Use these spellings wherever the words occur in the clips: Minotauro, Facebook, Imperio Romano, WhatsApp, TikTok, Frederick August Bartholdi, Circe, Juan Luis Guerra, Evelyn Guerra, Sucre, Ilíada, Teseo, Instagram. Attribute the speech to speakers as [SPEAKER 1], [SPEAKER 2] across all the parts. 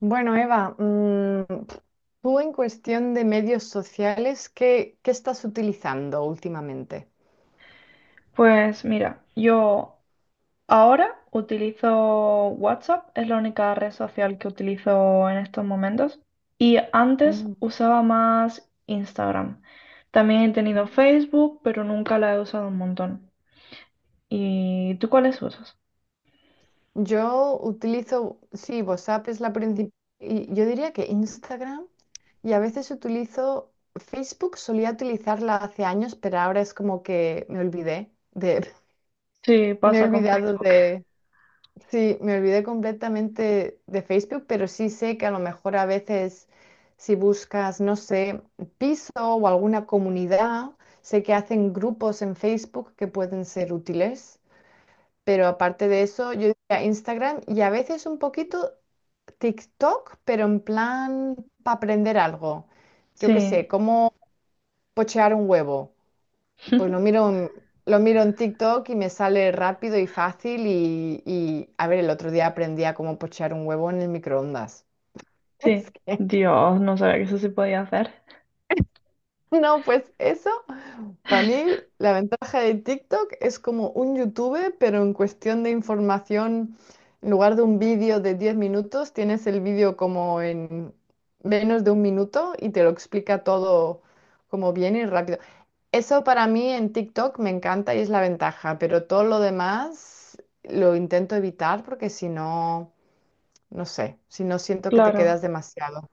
[SPEAKER 1] Bueno, Eva, tú en cuestión de medios sociales, ¿qué estás utilizando últimamente?
[SPEAKER 2] Pues mira, yo ahora utilizo WhatsApp, es la única red social que utilizo en estos momentos. Y antes
[SPEAKER 1] Mm,
[SPEAKER 2] usaba más Instagram. También he tenido
[SPEAKER 1] mm.
[SPEAKER 2] Facebook, pero nunca la he usado un montón. ¿Y tú cuáles usas?
[SPEAKER 1] Yo utilizo, sí, WhatsApp es la principal, y yo diría que Instagram, y a veces utilizo Facebook, solía utilizarla hace años, pero ahora es como que me olvidé de...
[SPEAKER 2] Sí,
[SPEAKER 1] Me he
[SPEAKER 2] pasa con
[SPEAKER 1] olvidado
[SPEAKER 2] Facebook.
[SPEAKER 1] de... Sí, me olvidé completamente de Facebook, pero sí sé que a lo mejor a veces, si buscas, no sé, piso o alguna comunidad, sé que hacen grupos en Facebook que pueden ser útiles, pero aparte de eso, yo diría Instagram y a veces un poquito TikTok, pero en plan para aprender algo. Yo qué
[SPEAKER 2] Sí,
[SPEAKER 1] sé, cómo pochear un huevo. Pues lo miro en... lo miro en TikTok y me sale rápido y fácil y, a ver, el otro día aprendí a cómo pochar un huevo en el microondas. Es
[SPEAKER 2] sí.
[SPEAKER 1] que,
[SPEAKER 2] Dios, no sabía que eso se podía hacer.
[SPEAKER 1] no, pues eso, para mí la ventaja de TikTok es como un YouTube, pero en cuestión de información, en lugar de un vídeo de 10 minutos, tienes el vídeo como en menos de un minuto y te lo explica todo como bien y rápido. Eso para mí en TikTok me encanta y es la ventaja, pero todo lo demás lo intento evitar porque si no, no sé, si no siento que te quedas
[SPEAKER 2] Claro,
[SPEAKER 1] demasiado.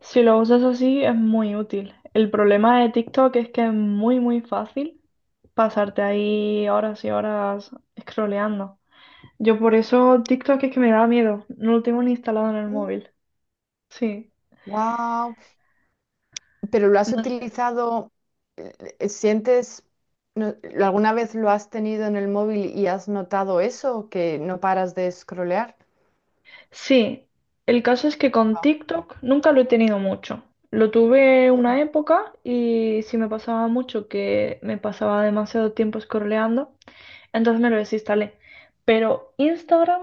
[SPEAKER 2] si lo usas así es muy útil. El problema de TikTok es que es muy, muy fácil pasarte ahí horas y horas scrolleando. Yo por eso TikTok es que me da miedo. No lo tengo ni instalado en el móvil. Sí,
[SPEAKER 1] Wow, pero lo has
[SPEAKER 2] no sé.
[SPEAKER 1] utilizado, ¿sientes... no- alguna vez lo has tenido en el móvil y has notado eso, que no paras de scrollear?
[SPEAKER 2] Sí, el caso es que con
[SPEAKER 1] Ah,
[SPEAKER 2] TikTok nunca lo he tenido mucho. Lo tuve
[SPEAKER 1] mm,
[SPEAKER 2] una época y si me pasaba mucho, que me pasaba demasiado tiempo scrolleando, entonces me lo desinstalé. Pero Instagram,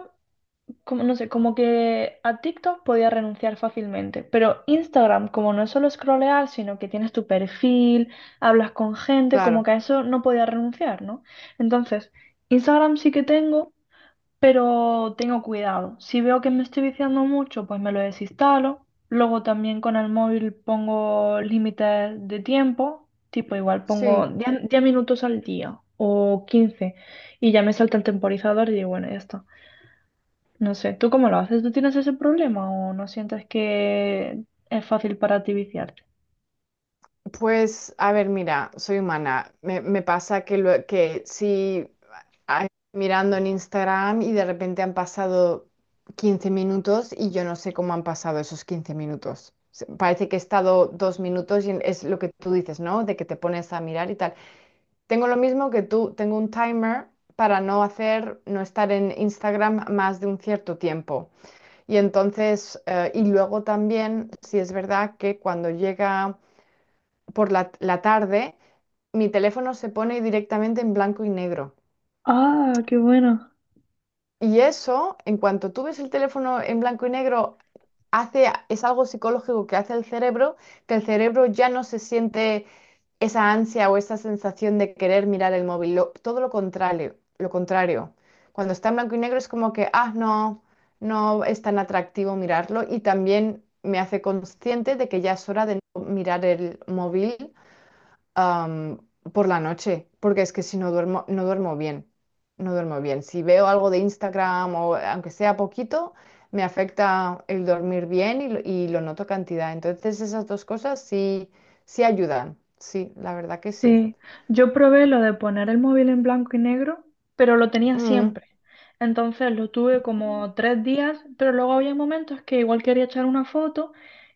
[SPEAKER 2] como, no sé, como que a TikTok podía renunciar fácilmente, pero Instagram, como no es solo scrollear, sino que tienes tu perfil, hablas con gente, como que
[SPEAKER 1] claro,
[SPEAKER 2] a eso no podía renunciar, ¿no? Entonces, Instagram sí que tengo, pero tengo cuidado. Si veo que me estoy viciando mucho, pues me lo desinstalo. Luego también con el móvil pongo límites de tiempo, tipo igual pongo
[SPEAKER 1] sí.
[SPEAKER 2] 10 10 minutos al día o 15, y ya me salta el temporizador y digo, bueno, ya está. No sé, ¿tú cómo lo haces? ¿Tú tienes ese problema o no sientes que es fácil para ti viciarte?
[SPEAKER 1] Pues, a ver, mira, soy humana. Me pasa que, lo, que si ah, mirando en Instagram y de repente han pasado 15 minutos y yo no sé cómo han pasado esos 15 minutos. Parece que he estado 2 minutos y es lo que tú dices, ¿no? De que te pones a mirar y tal. Tengo lo mismo que tú, tengo un timer para no hacer, no estar en Instagram más de un cierto tiempo. Y entonces, y luego también, si es verdad que cuando llega por la tarde, mi teléfono se pone directamente en blanco y negro.
[SPEAKER 2] Ah, qué bueno.
[SPEAKER 1] Y eso, en cuanto tú ves el teléfono en blanco y negro, hace, es algo psicológico que hace el cerebro, que el cerebro ya no se siente esa ansia o esa sensación de querer mirar el móvil. Todo lo contrario, lo contrario. Cuando está en blanco y negro es como que, ah, no, no es tan atractivo mirarlo. Y también me hace consciente de que ya es hora de no mirar el móvil am, por la noche, porque es que si no duermo, no duermo bien, no duermo bien. Si veo algo de Instagram o aunque sea poquito, me afecta el dormir bien y lo noto cantidad. Entonces esas dos cosas sí, sí ayudan, sí, la verdad que sí.
[SPEAKER 2] Sí, yo probé lo de poner el móvil en blanco y negro, pero lo tenía
[SPEAKER 1] Mm.
[SPEAKER 2] siempre. Entonces lo tuve como 3 días, pero luego había momentos que igual quería echar una foto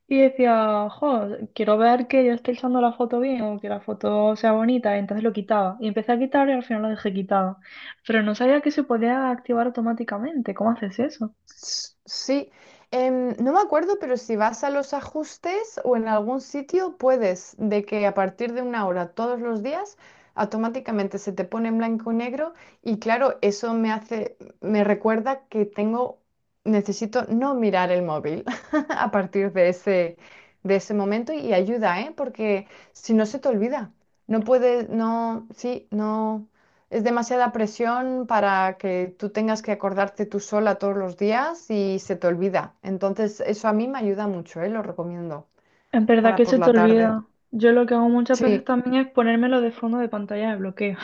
[SPEAKER 2] y decía, jo, quiero ver que yo esté echando la foto bien o que la foto sea bonita, y entonces lo quitaba. Y empecé a quitar y al final lo dejé quitado. Pero no sabía que se podía activar automáticamente. ¿Cómo haces eso?
[SPEAKER 1] Sí. No me acuerdo, pero si vas a los ajustes o en algún sitio puedes, de que a partir de una hora todos los días automáticamente se te pone en blanco y negro y claro, eso me hace, me recuerda que tengo, necesito no mirar el móvil a partir de ese momento y ayuda, ¿eh? Porque si no se te olvida, no puedes, no, sí, no. Es demasiada presión para que tú tengas que acordarte tú sola todos los días y se te olvida. Entonces, eso a mí me ayuda mucho, ¿eh? Lo recomiendo
[SPEAKER 2] Es verdad
[SPEAKER 1] para
[SPEAKER 2] que
[SPEAKER 1] por
[SPEAKER 2] se te
[SPEAKER 1] la tarde.
[SPEAKER 2] olvida. Yo lo que hago muchas veces
[SPEAKER 1] Sí.
[SPEAKER 2] también es ponérmelo de fondo de pantalla de bloqueo.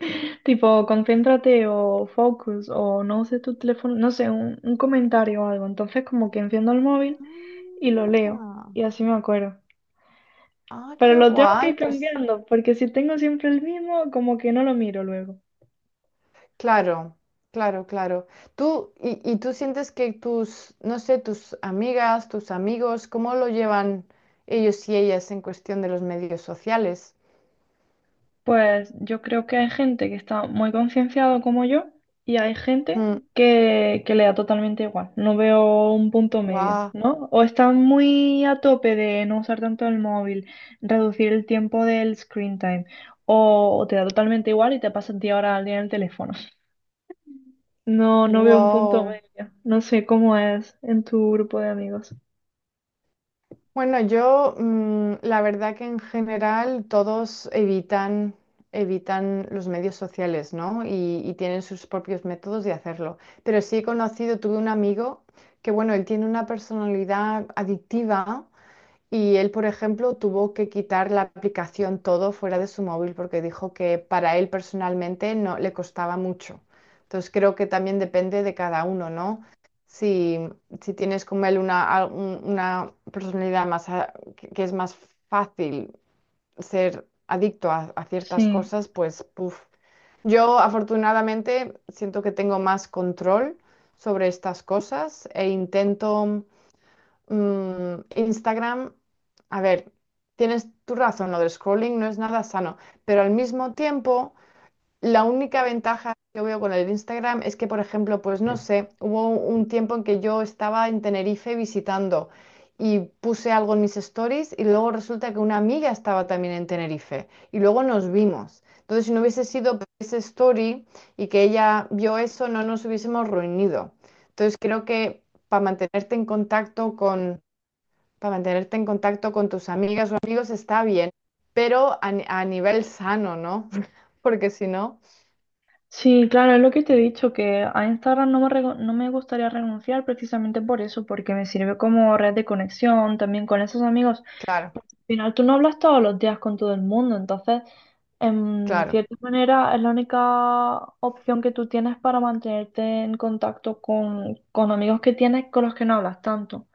[SPEAKER 2] Tipo, concéntrate o focus, o no sé, tu teléfono, no sé, un comentario o algo. Entonces, como que enciendo el móvil y lo leo,
[SPEAKER 1] Ah.
[SPEAKER 2] y así me acuerdo.
[SPEAKER 1] Ah,
[SPEAKER 2] Pero
[SPEAKER 1] qué
[SPEAKER 2] lo tengo que
[SPEAKER 1] guay.
[SPEAKER 2] ir
[SPEAKER 1] Pues
[SPEAKER 2] cambiando, porque si tengo siempre el mismo, como que no lo miro luego.
[SPEAKER 1] claro, claro, claro. Tú, y tú sientes que tus, no sé, tus amigas, tus amigos, ¿cómo lo llevan ellos y ellas en cuestión de los medios sociales?
[SPEAKER 2] Pues yo creo que hay gente que está muy concienciado como yo, y hay gente
[SPEAKER 1] Mm,
[SPEAKER 2] que le da totalmente igual. No veo un punto medio,
[SPEAKER 1] guau,
[SPEAKER 2] ¿no? O están muy a tope de no usar tanto el móvil, reducir el tiempo del screen time, o te da totalmente igual y te pasas 10 horas al día en el teléfono. No, no veo un punto
[SPEAKER 1] wow.
[SPEAKER 2] medio. No sé cómo es en tu grupo de amigos.
[SPEAKER 1] Bueno, yo la verdad que en general todos evitan, evitan los medios sociales, ¿no? Y tienen sus propios métodos de hacerlo. Pero sí he conocido, tuve un amigo que, bueno, él tiene una personalidad adictiva y él, por ejemplo, tuvo que quitar la aplicación todo fuera de su móvil porque dijo que para él personalmente no le costaba mucho. Entonces creo que también depende de cada uno, ¿no? Si, si tienes como él una, una personalidad más que es más fácil ser adicto a ciertas
[SPEAKER 2] Sí.
[SPEAKER 1] cosas, pues puf. Yo afortunadamente siento que tengo más control sobre estas cosas e intento... Instagram, a ver, tienes tu razón, lo del scrolling no es nada sano, pero al mismo tiempo, la única ventaja que veo con el Instagram es que, por ejemplo, pues no sé, hubo un tiempo en que yo estaba en Tenerife visitando y puse algo en mis stories y luego resulta que una amiga estaba también en Tenerife y luego nos vimos. Entonces, si no hubiese sido por ese story y que ella vio eso, no nos hubiésemos reunido. Entonces, creo que para mantenerte en contacto con... para mantenerte en contacto con tus amigas o amigos está bien, pero a, a nivel sano, ¿no? Porque si no,
[SPEAKER 2] Sí, claro, es lo que te he dicho, que a Instagram no me, rego- no me gustaría renunciar precisamente por eso, porque me sirve como red de conexión, también con esos amigos.
[SPEAKER 1] claro,
[SPEAKER 2] Porque al final tú no hablas todos los días con todo el mundo, entonces, en
[SPEAKER 1] claro.
[SPEAKER 2] cierta manera, es la única opción que tú tienes para mantenerte en contacto con amigos que tienes, con los que no hablas tanto.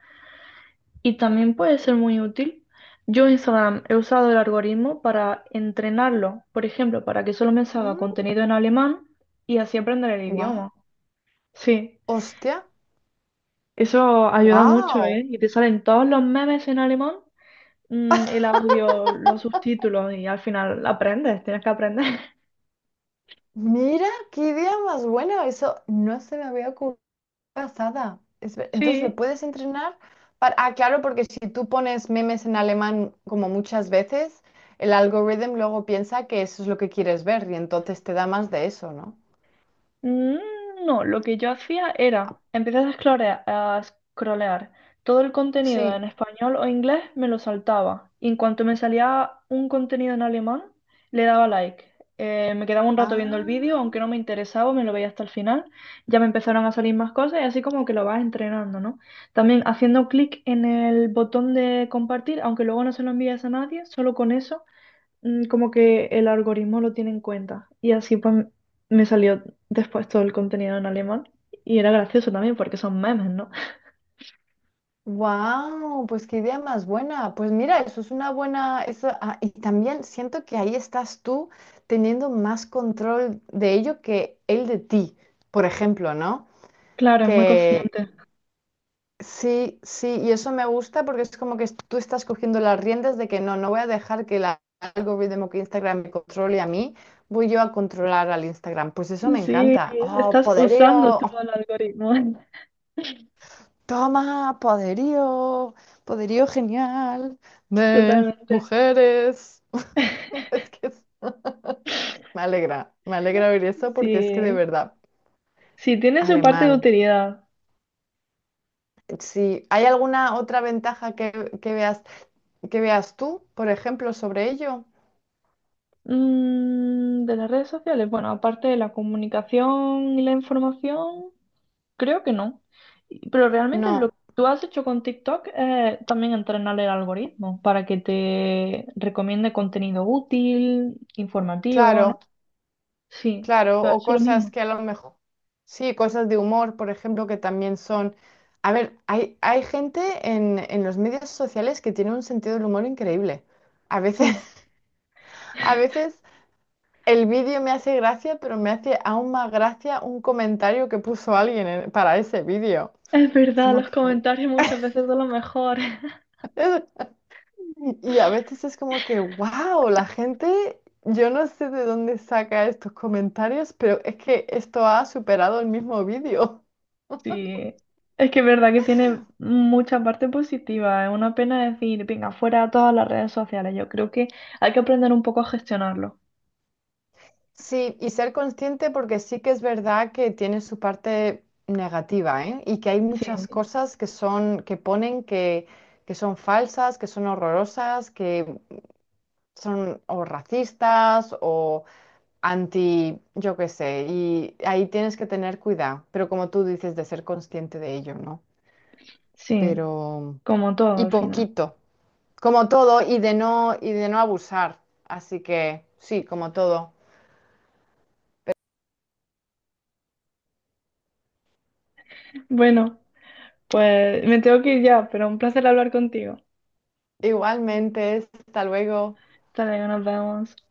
[SPEAKER 2] Y también puede ser muy útil. Yo en Instagram he usado el algoritmo para entrenarlo, por ejemplo, para que solo me salga contenido en alemán y así aprender el
[SPEAKER 1] Wow,
[SPEAKER 2] idioma. Sí,
[SPEAKER 1] hostia,
[SPEAKER 2] eso ayuda mucho,
[SPEAKER 1] wow.
[SPEAKER 2] ¿eh? Y te salen todos los memes en alemán, el audio, los subtítulos, y al final aprendes, tienes que aprender.
[SPEAKER 1] Mira, qué idea más buena. Eso no se me había ocurrido pasada. Entonces, ¿le
[SPEAKER 2] Sí.
[SPEAKER 1] puedes entrenar? Ah, claro, porque si tú pones memes en alemán como muchas veces, el algoritmo luego piensa que eso es lo que quieres ver y entonces te da más de eso, ¿no?
[SPEAKER 2] Mm, no, lo que yo hacía era empezar a scrollear, a scrollear. Todo el contenido en
[SPEAKER 1] Sí.
[SPEAKER 2] español o inglés me lo saltaba. Y en cuanto me salía un contenido en alemán, le daba like. Me quedaba un rato viendo el vídeo, aunque
[SPEAKER 1] Ah.
[SPEAKER 2] no me interesaba, me lo veía hasta el final. Ya me empezaron a salir más cosas, y así como que lo vas entrenando, ¿no? También haciendo clic en el botón de compartir, aunque luego no se lo envíes a nadie, solo con eso, como que el algoritmo lo tiene en cuenta. Y así pues me salió después todo el contenido en alemán. Y era gracioso también porque son memes, ¿no?
[SPEAKER 1] Wow, pues qué idea más buena. Pues mira, eso es una buena, eso, ah, y también siento que ahí estás tú teniendo más control de ello que él de ti, por ejemplo, ¿no?
[SPEAKER 2] Claro, es muy
[SPEAKER 1] Que
[SPEAKER 2] consciente.
[SPEAKER 1] sí, sí, y eso me gusta porque es como que tú estás cogiendo las riendas de que no, no voy a dejar que el algoritmo que Instagram me controle a mí, voy yo a controlar al Instagram. Pues eso me
[SPEAKER 2] Sí,
[SPEAKER 1] encanta. Oh,
[SPEAKER 2] estás usando tú
[SPEAKER 1] poderío.
[SPEAKER 2] el algoritmo.
[SPEAKER 1] Toma, poderío, poderío genial de
[SPEAKER 2] Totalmente.
[SPEAKER 1] mujeres. Es que me alegra oír eso porque es que de
[SPEAKER 2] Sí,
[SPEAKER 1] verdad,
[SPEAKER 2] sí, tiene su parte de
[SPEAKER 1] alemán.
[SPEAKER 2] utilidad.
[SPEAKER 1] Si hay alguna otra ventaja que veas tú, por ejemplo, sobre ello,
[SPEAKER 2] De las redes sociales, bueno, aparte de la comunicación y la información, creo que no. Y- Pero realmente lo
[SPEAKER 1] no,
[SPEAKER 2] que tú has hecho con TikTok es también entrenar el algoritmo para que te recomiende contenido útil, informativo, ¿no?
[SPEAKER 1] claro,
[SPEAKER 2] Sí,
[SPEAKER 1] claro,
[SPEAKER 2] tú has
[SPEAKER 1] o
[SPEAKER 2] hecho lo
[SPEAKER 1] cosas
[SPEAKER 2] mismo.
[SPEAKER 1] que a lo mejor, sí, cosas de humor, por ejemplo, que también son. A ver, hay gente en los medios sociales que tiene un sentido del humor increíble. A veces.
[SPEAKER 2] Sí.
[SPEAKER 1] A veces el vídeo me hace gracia, pero me hace aún más gracia un comentario que puso alguien para ese vídeo.
[SPEAKER 2] Es
[SPEAKER 1] Es
[SPEAKER 2] verdad,
[SPEAKER 1] como
[SPEAKER 2] los
[SPEAKER 1] que... "Gu-
[SPEAKER 2] comentarios muchas veces son los mejores.
[SPEAKER 1] eh". Y a veces es como que, wow, la gente, yo no sé de dónde saca estos comentarios, pero es que esto ha superado el mismo vídeo.
[SPEAKER 2] Sí, es que es verdad que tiene mucha parte positiva. Es una pena decir, venga, fuera a todas las redes sociales. Yo creo que hay que aprender un poco a gestionarlo.
[SPEAKER 1] Sí, y ser consciente porque sí que es verdad que tiene su parte negativa, ¿eh? Y que hay
[SPEAKER 2] Sí,
[SPEAKER 1] muchas cosas que son, que ponen que son falsas, que son horrorosas, que son o racistas o anti, yo qué sé, y ahí tienes que tener cuidado, pero como tú dices, de ser consciente de ello, ¿no?
[SPEAKER 2] sí,
[SPEAKER 1] Pero,
[SPEAKER 2] como todo
[SPEAKER 1] y
[SPEAKER 2] al final.
[SPEAKER 1] poquito, como todo, y de no abusar. Así que, sí, como todo.
[SPEAKER 2] Bueno, pues me tengo que ir ya, pero un placer hablar contigo.
[SPEAKER 1] Igualmente, hasta luego.
[SPEAKER 2] Hasta luego, nos vemos.